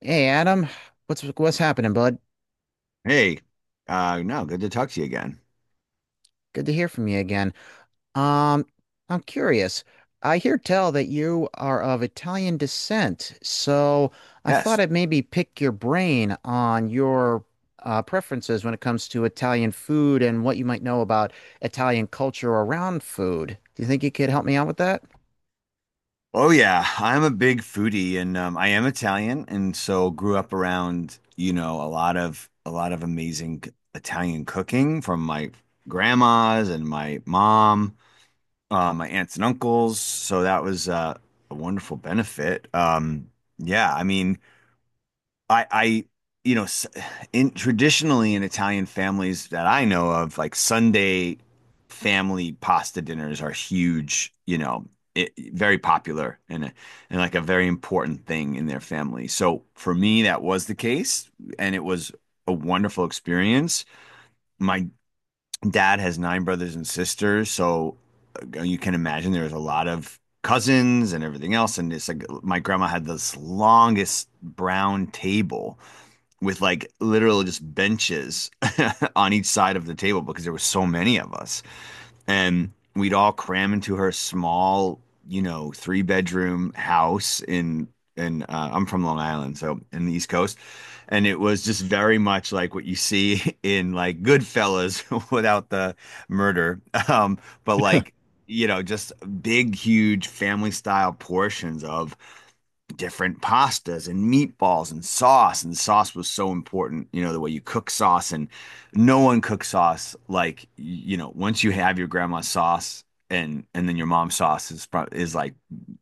Hey Adam, what's happening, bud? Hey, no, good to talk to you again. Good to hear from you again. Um, I'm curious. I hear tell that you are of Italian descent, so I thought Yes. I'd maybe pick your brain on your preferences when it comes to Italian food and what you might know about Italian culture around food. Do you think you could help me out with that? Oh yeah, I'm a big foodie and I am Italian, and so grew up around, a lot of amazing Italian cooking from my grandmas and my mom, my aunts and uncles. So that was a wonderful benefit. Yeah, I mean I, you know, s- in traditionally, in Italian families that I know of, like Sunday family pasta dinners are huge, very popular and like a very important thing in their family. So for me, that was the case, and it was a wonderful experience. My dad has nine brothers and sisters, so you can imagine there was a lot of cousins and everything else, and it's like my grandma had this longest brown table with like literally just benches on each side of the table because there were so many of us. And we'd all cram into her small, three-bedroom house in and I'm from Long Island, so in the East Coast. And it was just very much like what you see in like Goodfellas without the murder. Um, but like, just big, huge family style portions of different pastas and meatballs and sauce, and sauce was so important, the way you cook sauce, and no one cooks sauce. Like, once you have your grandma's sauce, and then your mom's sauce is like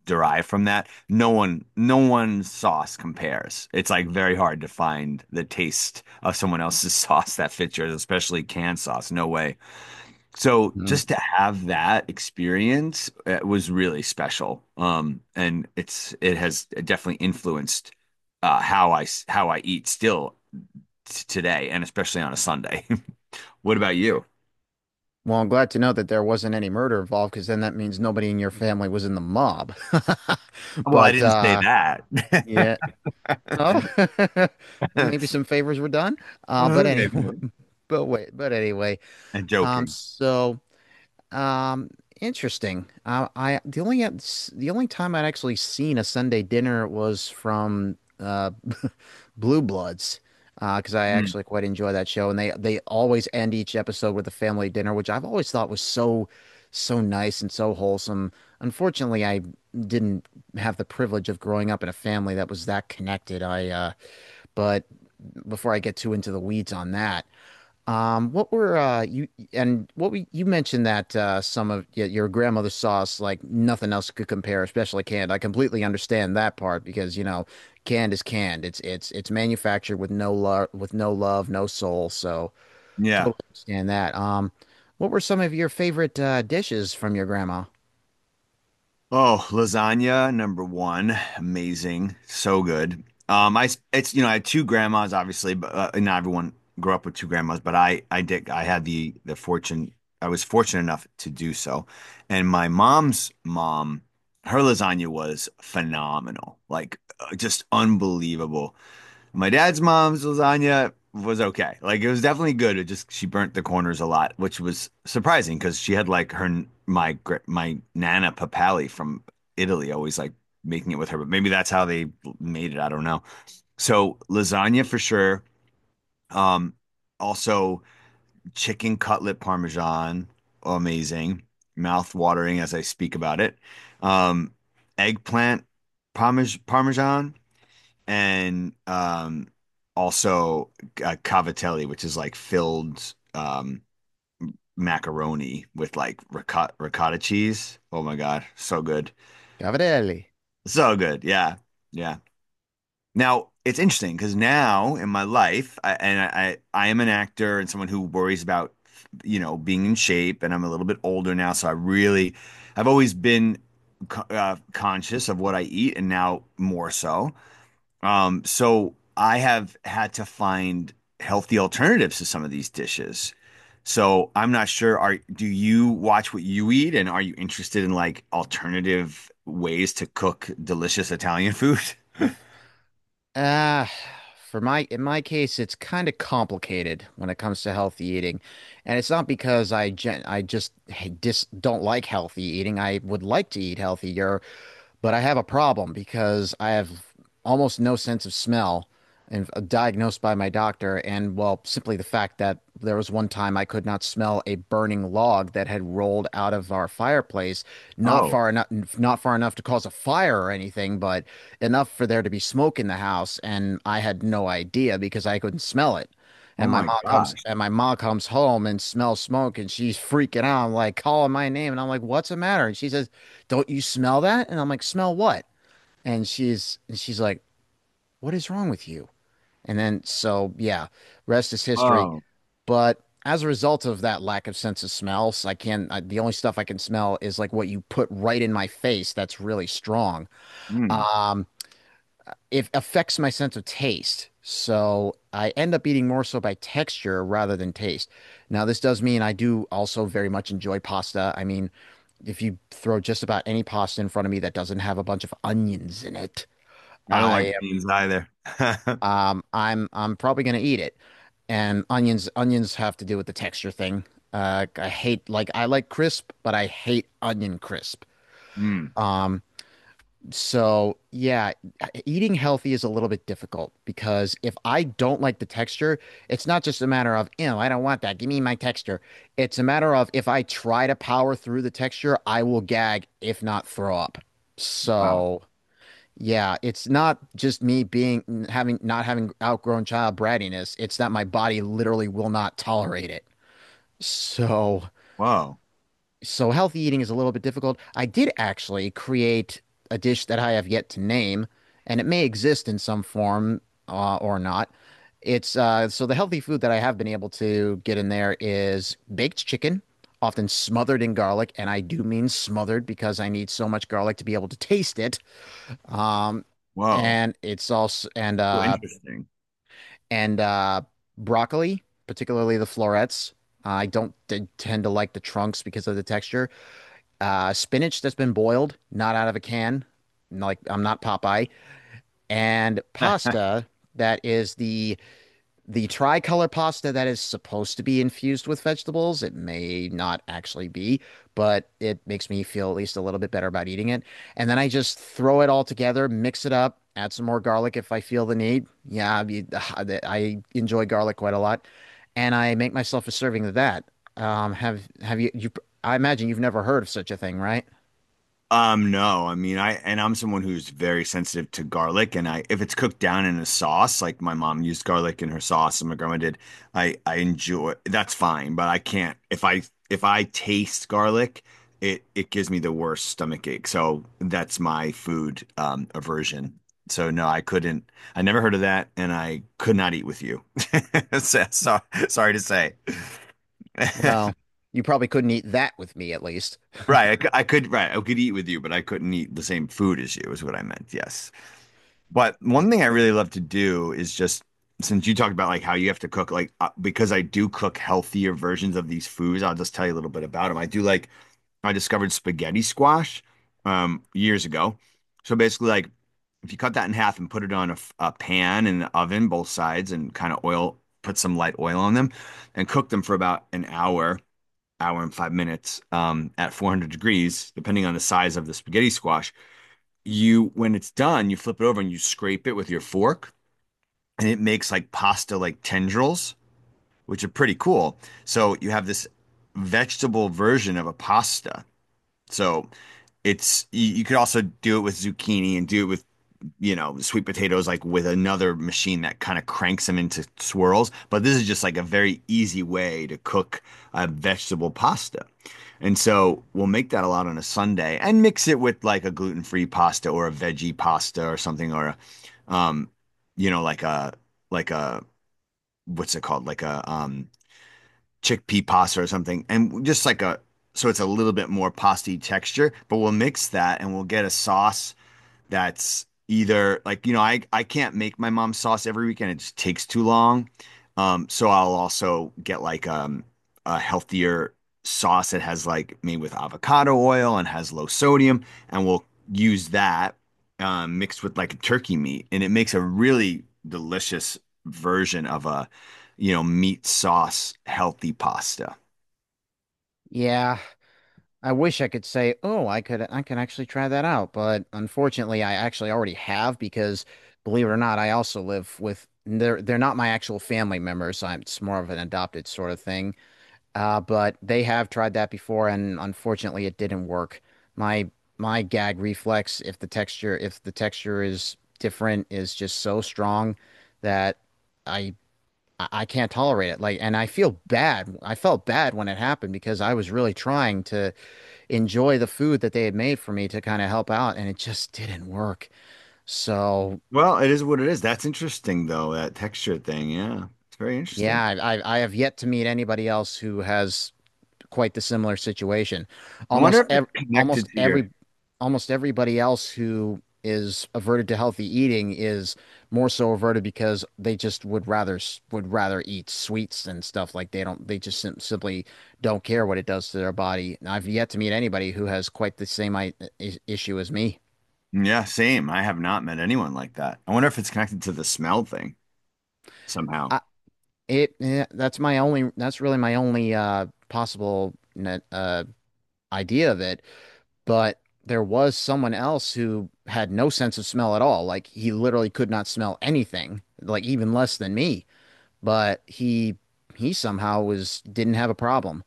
derived from that, no one's sauce compares. It's like very hard to find the taste of someone else's sauce that fits yours, especially canned sauce, no way. So Mm. just to have that experience, was really special. And it has definitely influenced how I eat still t today, and especially on a Sunday. What about you? Well, I'm glad to know that there wasn't any murder involved, because then that means nobody in your family was in the mob. Well, I But didn't say that. yeah. Oh, maybe some favors were done. Uh, but anyway, Maybe. But anyway. I'm Um, joking. so, um, interesting. I the only time I'd actually seen a Sunday dinner was from Blue Bloods, because I Mm, actually quite enjoy that show, and they always end each episode with a family dinner, which I've always thought was so so nice and so wholesome. Unfortunately, I didn't have the privilege of growing up in a family that was that connected. I but before I get too into the weeds on that. What were you and what we you mentioned that some of your grandmother's sauce like nothing else could compare, especially canned. I completely understand that part because you know canned is canned. It's manufactured with no love, no soul. So yeah. totally understand that. What were some of your favorite dishes from your grandma? Oh, lasagna number one, amazing, so good. I it's you know I had two grandmas, obviously, but not everyone grew up with two grandmas, but I did, I had the fortune, I was fortunate enough to do so, and my mom's mom, her lasagna was phenomenal, like just unbelievable. My dad's mom's lasagna was okay. Like, it was definitely good. It just, she burnt the corners a lot, which was surprising because she had, like, my Nana Papali from Italy, always like making it with her. But maybe that's how they made it. I don't know. So lasagna for sure. Um, Also chicken cutlet parmesan, amazing. Mouth watering as I speak about it. Um, Eggplant parmesan, and also, cavatelli, which is like filled macaroni with like ricotta cheese. Oh my God, so good. Cavatelli. So good. Yeah. Yeah. Now, it's interesting because now in my life, I am an actor and someone who worries about, being in shape, and I'm a little bit older now, so I really, I've always been conscious of what I eat, and now more so. So I have had to find healthy alternatives to some of these dishes. So I'm not sure, are do you watch what you eat, and are you interested in like alternative ways to cook delicious Italian food? Uh, for my in my case, it's kind of complicated when it comes to healthy eating, and it's not because I gen I just h- dis don't like healthy eating. I would like to eat healthier, but I have a problem because I have almost no sense of smell and diagnosed by my doctor. And well, simply the fact that there was one time I could not smell a burning log that had rolled out of our fireplace, not Oh, far enough, not far enough to cause a fire or anything, but enough for there to be smoke in the house. And I had no idea because I couldn't smell it. oh And my gosh. My mom comes home and smells smoke and she's freaking out. I'm like calling my name and I'm like, "What's the matter?" And she says, "Don't you smell that?" And I'm like, "Smell what?" And she's like, "What is wrong with you?" And then so yeah, rest is history. Oh, But as a result of that lack of sense of smells, the only stuff I can smell is like what you put right in my face that's really strong. mm. Um, it affects my sense of taste. So I end up eating more so by texture rather than taste. Now, this does mean I do also very much enjoy pasta. I mean, if you throw just about any pasta in front of me that doesn't have a bunch of onions in it, I don't like I beans either. I'm probably gonna eat it. And onions have to do with the texture thing. I hate like I like crisp, but I hate onion crisp. Mm. Um, So, yeah, eating healthy is a little bit difficult because if I don't like the texture, it's not just a matter of, ew, I don't want that. Give me my texture. It's a matter of if I try to power through the texture, I will gag, if not throw up. Wow. So, yeah, it's not just me being having not having outgrown child brattiness. It's that my body literally will not tolerate it. So, Whoa. so healthy eating is a little bit difficult. I did actually create a dish that I have yet to name, and it may exist in some form or not. It's so the healthy food that I have been able to get in there is baked chicken, often smothered in garlic, and I do mean smothered because I need so much garlic to be able to taste it. Um, Whoa. and it's also So interesting. and broccoli, particularly the florets. I don't tend to like the trunks because of the texture spinach that's been boiled, not out of a can. Like I'm not Popeye, and pasta that is the tricolor pasta that is supposed to be infused with vegetables. It may not actually be, but it makes me feel at least a little bit better about eating it. And then I just throw it all together, mix it up, add some more garlic if I feel the need. Yeah, I enjoy garlic quite a lot, and I make myself a serving of that. Have you? I imagine you've never heard of such a thing, right? No, I mean, I'm someone who's very sensitive to garlic, and I if it's cooked down in a sauce, like my mom used garlic in her sauce, and my grandma did, I enjoy, that's fine. But I can't. If I taste garlic, it gives me the worst stomach ache. So that's my food aversion. So no, I couldn't. I never heard of that, and I could not eat with you. So, sorry to say. Well, you probably couldn't eat that with me at least. Right, I, c- I could right, I could eat with you, but I couldn't eat the same food as you, is what I meant. Yes. But Y- one thing I really love to do is just, since you talked about like how you have to cook, like, because I do cook healthier versions of these foods, I'll just tell you a little bit about them. I do like I discovered spaghetti squash years ago. So basically, like, if you cut that in half and put it on a pan in the oven, both sides, and kind of oil, put some light oil on them, and cook them for about an hour, hour and 5 minutes, at 400 degrees, depending on the size of the spaghetti squash. You when it's done, you flip it over and you scrape it with your fork, and it makes like pasta like tendrils, which are pretty cool. So you have this vegetable version of a pasta. So you could also do it with zucchini, and do it with, sweet potatoes, like with another machine that kind of cranks them into swirls. But this is just like a very easy way to cook a vegetable pasta. And so we'll make that a lot on a Sunday and mix it with like a gluten-free pasta or a veggie pasta or something, or you know, like a like a what's it called? Like a chickpea pasta or something. And just like a, so it's a little bit more pasty texture, but we'll mix that and we'll get a sauce that's either, like, I can't make my mom's sauce every weekend, it just takes too long. So I'll also get, like, a healthier sauce that has, like, made with avocado oil and has low sodium, and we'll use that mixed with like turkey meat, and it makes a really delicious version of a meat sauce healthy pasta. Yeah, I wish I could say, "Oh, I can actually try that out," but unfortunately, I actually already have because believe it or not, I also live with they're not my actual family members. So I'm it's more of an adopted sort of thing. But they have tried that before and unfortunately it didn't work. My my gag reflex if the texture is different is just so strong that I I can't tolerate it. Like, and I feel bad. I felt bad when it happened because I was really trying to enjoy the food that they had made for me to kind of help out, and it just didn't work. So, Well, it is what it is. That's interesting though, that texture thing. Yeah, it's very interesting. yeah, I have yet to meet anybody else who has quite the similar situation. I wonder Almost if it's ev connected almost to every your. Almost everybody else who is averted to healthy eating is more so averted because they just would rather eat sweets and stuff like they just simply don't care what it does to their body. And I've yet to meet anybody who has quite the same issue as me. Yeah, same. I have not met anyone like that. I wonder if it's connected to the smell thing somehow. I it Yeah, that's really my only possible idea of it, but there was someone else who had no sense of smell at all. Like he literally could not smell anything, like even less than me. But he somehow was didn't have a problem.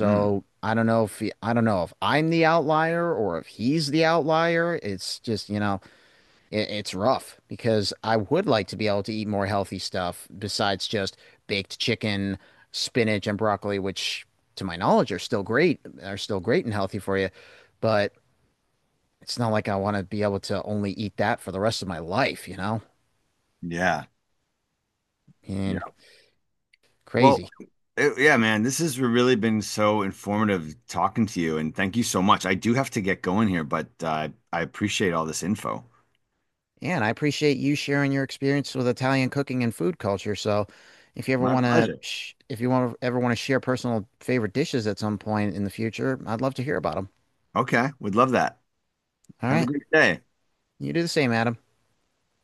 Mm, I don't know if I'm the outlier or if he's the outlier. It's just, you know, it's rough because I would like to be able to eat more healthy stuff besides just baked chicken, spinach, and broccoli, which to my knowledge are still great and healthy for you. But it's not like I want to be able to only eat that for the rest of my life, you know? yeah, And yeah. crazy. Well, yeah, man, this has really been so informative talking to you, and thank you so much. I do have to get going here, but I appreciate all this info. Yeah, and I appreciate you sharing your experience with Italian cooking and food culture. So, if you ever My want to, pleasure. sh if you want ever want to share personal favorite dishes at some point in the future, I'd love to hear about them. Okay, would love that. All Have a right, great day. you do the same, Adam.